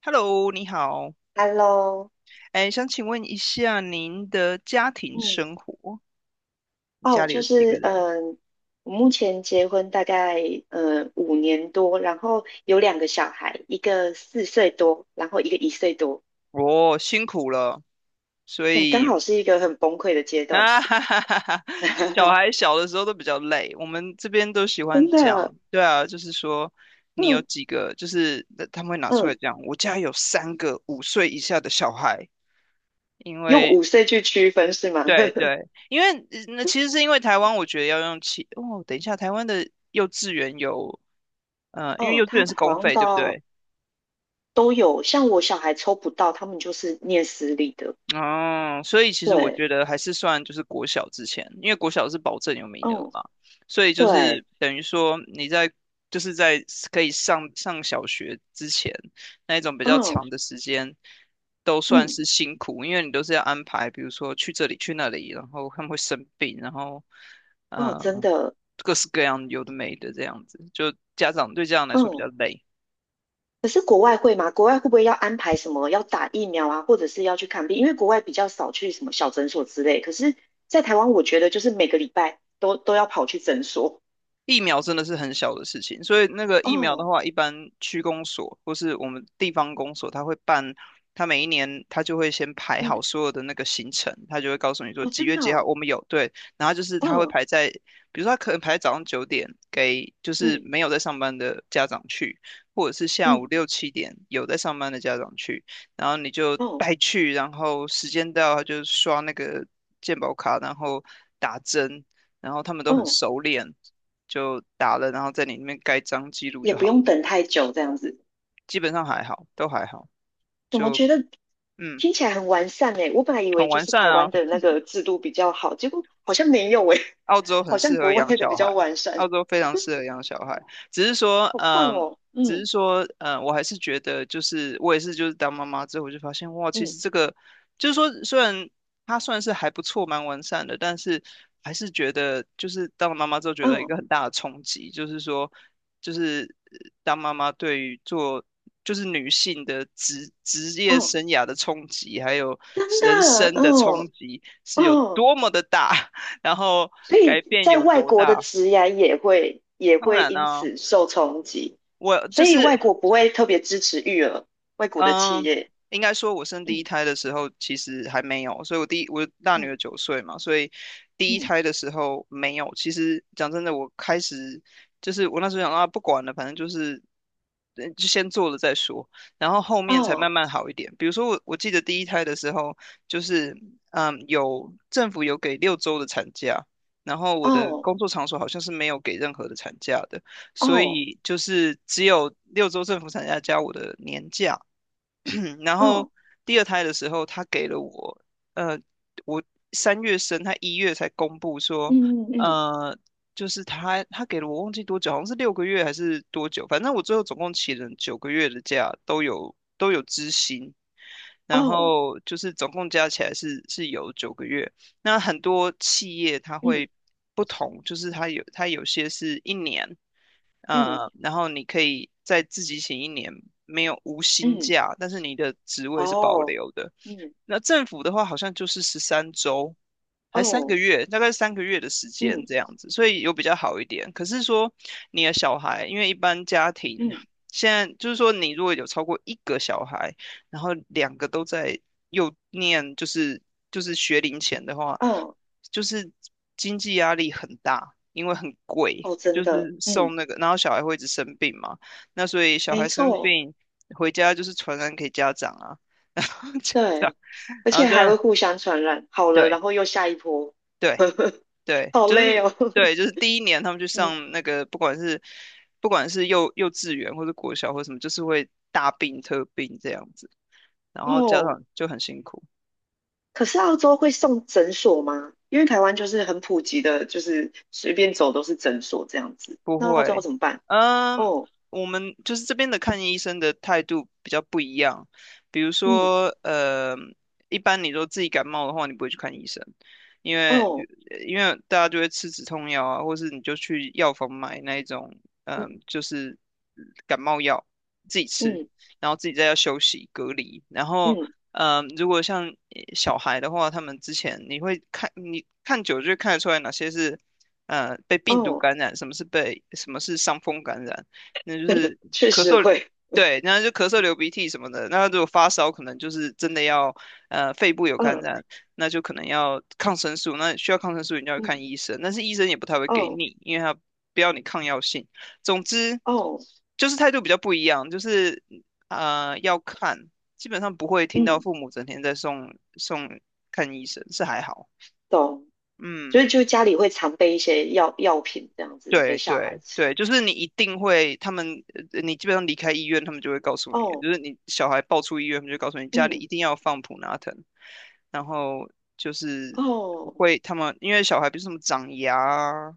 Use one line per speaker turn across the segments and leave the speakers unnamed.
Hello，你好，
Hello，
哎，想请问一下您的家庭
嗯，
生活，你
哦，
家里有
就
几个
是
人？
呃我目前结婚大概5年多，然后有2个小孩，一个4岁多，然后一个1岁多，
哦，辛苦了，所
对，刚
以
好是一个很崩溃的阶段，
啊，哈哈哈哈，小孩 小的时候都比较累，我们这边都喜欢
真的，
讲，对啊，就是说你有
嗯
几个，就是他们会拿出来
嗯，
讲，我家有三个5岁以下的小孩，因
用
为
5岁去区分是吗？
对对，因为那其实是因为台湾，我觉得要用哦，等一下，台湾的幼稚园有，因为
嗯，
幼稚
他
园是公
好像
费，对不
到
对？
都有，像我小孩抽不到，他们就是念私立的。
哦，所以其实我
对，
觉得还是算就是国小之前，因为国小是保证有名额
嗯，
嘛，所以就
对，
是等于说你在就是在可以上小学之前那一种比较
嗯
长的时间，都算
嗯，
是辛苦，因为你都是要安排，比如说去这里去那里，然后他们会生病，然后
哦，真
嗯，
的，
各式各样有的没的这样子，就家长对家长来说比较
嗯
累。
可是国外会吗？国外会不会要安排什么要打疫苗啊，或者是要去看病？因为国外比较少去什么小诊所之类。可是，在台湾，我觉得就是每个礼拜都要跑去诊所。
疫苗真的是很小的事情，所以那个疫苗的
哦，
话，一般区公所或是我们地方公所，他会办，他每一年他就会先排好
嗯，
所有的那个行程，他就会告诉你说
哦，
几
真
月
的，
几号我们有，对，然后就是
嗯，
他会
哦，
排在，比如说他可能排在早上9点给就是
嗯
没有在上班的家长去，或者是下午
嗯，
6、7点有在上班的家长去，然后你就
哦
带去，然后时间到他就刷那个健保卡，然后打针，然后他们都很
哦，
熟练。就打了，然后在你那边盖章记录
也
就
不
好
用
了，
等太久这样子。
基本上还好，都还好，
怎么
就
觉得
嗯，
听起来很完善诶？我本来以为
很
就
完
是
善
台
啊。
湾的那个制度比较好，结果好像没有诶，
澳洲 很
好像
适合
国外
养
的
小
比
孩，
较完善。
澳洲非常适合养小孩。只是说，
好棒
嗯，
哦，
只是
嗯
说，嗯，我还是觉得，就是我也是，就是当妈妈之后，我就发现，哇，其实
嗯
这个，就是说，虽然它算是还不错，蛮完善的，但是还是觉得，就是当了妈妈之后，觉得一个
嗯
很大的冲击，就是说，就是当妈妈对于做。就是女性的职业
嗯。哦，
生涯的冲击，还有
真的，
人生的
哦
冲击是有
哦，
多么的大。然后
所
改
以
变
在
有
外
多
国的
大？
职涯也会也
当
会
然
因
呢、
此受冲击，
我
所
就
以
是
外国不会特别支持育儿，外国的企
嗯，
业，
应该说，我生第一
嗯
胎的时候其实还没有，所以我第一我大女
嗯
儿9岁嘛，所以第
嗯，
一
嗯
胎的时候没有。其实讲真的，我开始就是我那时候想啊，不管了，反正就是就先做了再说，然后后面才慢
哦
慢好一点。比如说我记得第一胎的时候，就是有政府有给六周的产假，然后我的
哦
工作场所好像是没有给任何的产假的。所
哦
以就是只有六周政府产假加我的年假，然后
哦，
第二胎的时候，他给了我，呃，我三月生，他一月才公布说，
嗯嗯
呃，就是他给了我忘记多久，好像是6个月还是多久，反正我最后总共请了九个月的假，都有支薪，
嗯，
然
哦
后就是总共加起来是有九个月，那很多企业它
嗯
会不同，就是它有它有些是一年，
嗯
然后你可以再自己请一年，没有无薪
嗯，
假，但是你的职位是保
哦
留的。
嗯
那政府的话，好像就是13周，还三个
哦
月，大概三个月的时间
嗯
这样子，所以有比较好一点。可是说你的小孩，因为一般家庭
嗯
现在就是说，你如果有超过一个小孩，然后两个都在又念就是学龄前的话，
哦嗯嗯
就是经济压力很大，因为很贵，
哦，
就
真
是
的，嗯，
送那个，然后小孩会一直生病嘛，那所以小
没
孩生
错，
病回家就是传染给家长啊，然后家长，
对，而
然后
且
就
还会互相传染，好了，
对
然后又下一波，
对 对，
好
就
累
是
哦。
对，就 是第一年他们去
嗯，
上那个，不管是幼稚园或者国小或什么，就是会大病特病这样子，然后家
哦，
长就很辛苦。
可是澳洲会送诊所吗？因为台湾就是很普及的，就是随便走都是诊所这样子。
不
那澳洲要
会，
怎么办？
嗯，
哦，
我们就是这边的看医生的态度比较不一样。比如
嗯，
说，一般你说自己感冒的话，你不会去看医生，因为比
哦，
因为大家就会吃止痛药啊，或是你就去药房买那一种，
嗯
就是感冒药自己吃，
嗯
然后自己在家休息隔离。然后，
嗯，
如果像小孩的话，他们之前你会看，你看久就会看得出来哪些是。被病毒
哦，
感染，什么是被什么是伤风感染，那就是
确
咳
实
嗽，
会，
对，然后就咳嗽、流鼻涕什么的。那如果发烧，可能就是真的要肺部有感
嗯
染，那就可能要抗生素，那需要抗生素你就要
嗯，
看医生，但是医生也不太会给
哦
你，因为他不要你抗药性。总之
哦，
就是态度比较不一样，就是要看，基本上不会听到
嗯，
父母整天在送看医生，是还好，
懂。所以
嗯。
就家里会常备一些药品这样子给
对
小孩
对
吃。
对，就是你一定会，他们你基本上离开医院，他们就会告诉你的，
哦，
就是你小孩抱出医院，他们就告诉你家里
嗯，
一定要放普拿疼，然后就是
哦，
会他们因为小孩比如什么长牙啊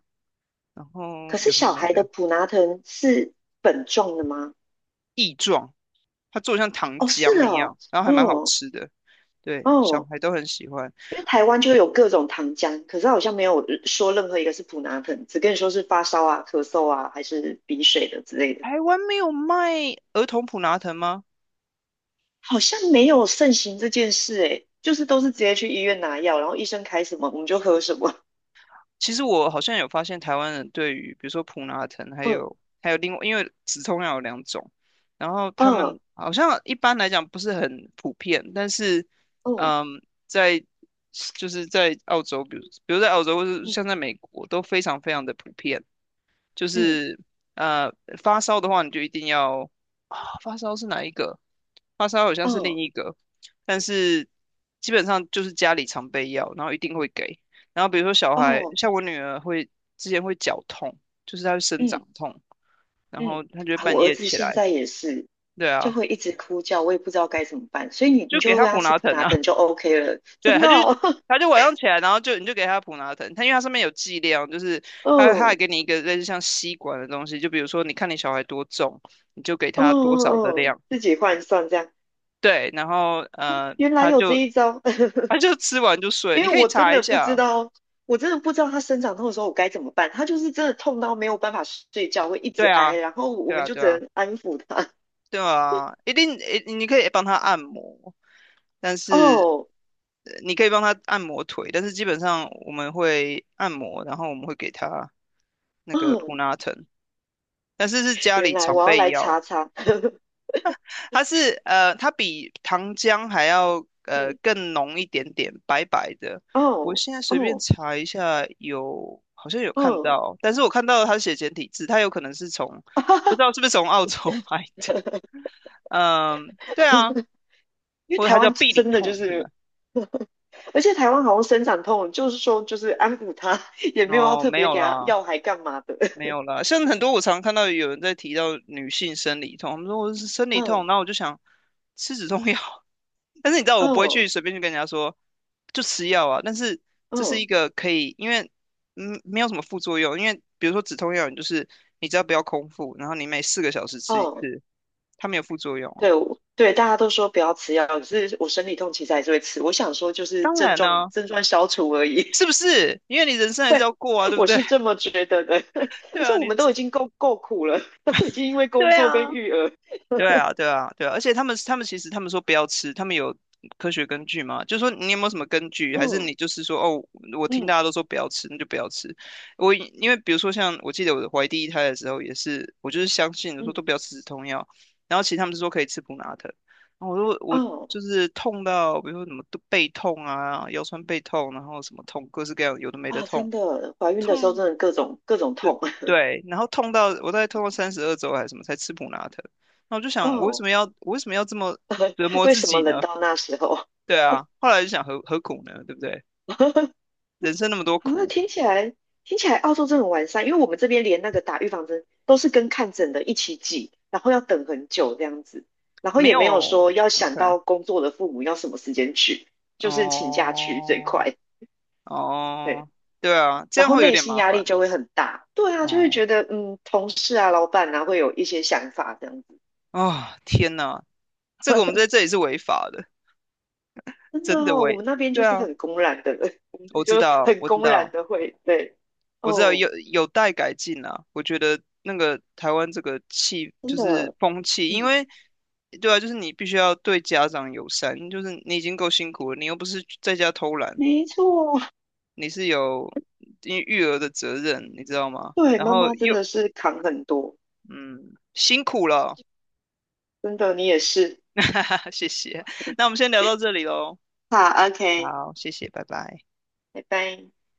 然
可
后
是
有什么
小
没
孩的
的
普拿疼是粉状的吗？
异状，它做得像糖
哦，是
浆一
哦，
样，然后还蛮好
哦
吃的，对，小
哦，
孩都很喜欢。
因为台湾就有各种糖浆，可是它好像没有说任何一个是普拿疼，只跟你说是发烧啊、咳嗽啊，还是鼻水的之类的，
台湾没有卖儿童普拿疼吗？
好像没有盛行这件事诶，就是都是直接去医院拿药，然后医生开什么我们就喝什么。
其实我好像有发现，台湾人对于比如说普拿疼，还
嗯
有还有另外，因为止痛药有两种，然后他们
嗯
好像一般来讲不是很普遍，但是
嗯
嗯，在就是在澳洲，比如在澳洲或是像在
嗯
美国都非常非常的普遍。就
嗯
是呃发烧的话，你就一定要啊，发烧是哪一个？发烧好像是
嗯，
另一个，但是基本上就是家里常备药，然后一定会给。然后比如说小孩，
哦，
像我女儿之前会脚痛，就是她会生
嗯
长痛，然
嗯，
后她就会
啊，
半
我儿
夜
子
起
现
来，
在也是，
对
就
啊，
会一直哭叫，我也不知道该怎么办，所以你
就给
就
她
喂他
普
吃
拿
普
疼
拿
啊。
疼就 OK 了，
对，
真
他
的
就
哦，
是他就晚上起来，然后就你就给他普拿疼，他因为它上面有剂量，就是 他还
嗯，
给你一个类似像吸管的东西，就比如说你看你小孩多重，你就给
哦
他多
哦
少的
哦，
量，
自己换算这样，
对，然后
原来
他
有这
就
一招，
他就吃完就 睡，
因
你
为
可以
我真
查
的
一
不知
下，
道，我真的不知道他生长痛的时候我该怎么办，他就是真的痛到没有办法睡觉，会一直
对
挨，
啊，
然后我
对
们
啊，
就
对
只
啊，
能安抚他。
对啊，一定诶，你可以帮他按摩，但 是
哦，
你可以帮他按摩腿，但是基本上我们会按摩，然后我们会给他那个普
嗯，
拿疼，但是是家
原
里
来
常
我要
备
来
药。
查查，
它是它比糖浆还要
嗯，
更浓一点点，白白的。我
哦
现在随便
哦
查一下有，好像有看
哦，
到，但是我看到它写简体字，它有可能是不知道是不是从澳洲 买的。嗯，对啊，
因为
或者
台
它叫
湾
必理
真的就
痛是吧？
是。而且台湾好像生长痛，就是说就是安抚他，也没有要
哦，
特
没
别
有
给他
啦，
药还干嘛的。
没有啦。像很多我常看到有人在提到女性生理痛，他们说我是生 理痛，
嗯
然后我就想吃止痛药，但是你知道，我不会
嗯
随便去跟人家说就吃药啊。但是这是
嗯
一个可以，因为没有什么副作用。因为比如说止痛药，你就是你只要不要空腹，然后你每4个小时吃一
嗯，
次，它没有副作用啊。
对，对，大家都说不要吃药，可是我生理痛其实还是会吃。我想说，就是
当然
症状
呢、
症状消除而已，
是不是？因为你人生还是要过啊，对不
我
对？
是这 么觉得的。
对
而且
啊，
我们都已经够苦了，都已经因为工
对
作
啊。
跟育儿，
对啊，对啊，对啊，而且他们其实他们说不要吃，他们有科学根据吗？就说你有没有什么根据，还是
嗯
你就是说哦，我听
嗯
大家都说不要吃，那就不要吃。我因为比如说像我记得我怀第一胎的时候也是，我就是相信我说都
嗯，
不要吃止痛药，然后其实他们是说可以吃普拿疼，然后我说我
哦，
就是痛到比如说什么都背痛啊，腰酸背痛，然后什么痛，各式各样有的没的
啊，真
痛。
的，怀孕的时候
痛
真的各种痛，
对，然后痛到我大概痛到32周还是什么才吃普拉疼，那我就 想，我为什
哦，
么要我为什么要这么折磨
为
自
什么
己
冷
呢？
到那时候？
对啊，后来就想何苦呢？对不对？人生那么多
啊，
苦，
听起来澳洲真的很完善，因为我们这边连那个打预防针都是跟看诊的一起挤，然后要等很久这样子，然后
没
也
有
没有说要
OK
想到工作的父母要什么时间去，就是请假去最
哦
快，对，
哦，对啊，这
然
样
后
会有
内
点
心
麻
压力
烦
就会很大，对啊，就会
哦
觉得同事啊、老板啊会有一些想法这样子，
啊、天哪，这个我们在这里是违法的，
真的
真的
哦，我们
违。
那边就
对
是
啊，
很公然的，我们这
我
里
知
就
道，
很
我知
公然
道，
的会，对，
我知道
哦，
有待改进啊，我觉得那个台湾这个
真
就是
的，
风气，因
嗯，
为对啊，就是你必须要对家长友善，就是你已经够辛苦了，你又不是在家偷懒，
没错。
你是有因为育儿的责任，你知道吗？
对，
然
妈
后
妈真
又
的是扛很多，
嗯辛苦了，
真的，你也是。
哈哈哈，谢谢。那我们先聊到这里喽，
好，OK，
好，谢谢，拜拜。
拜拜。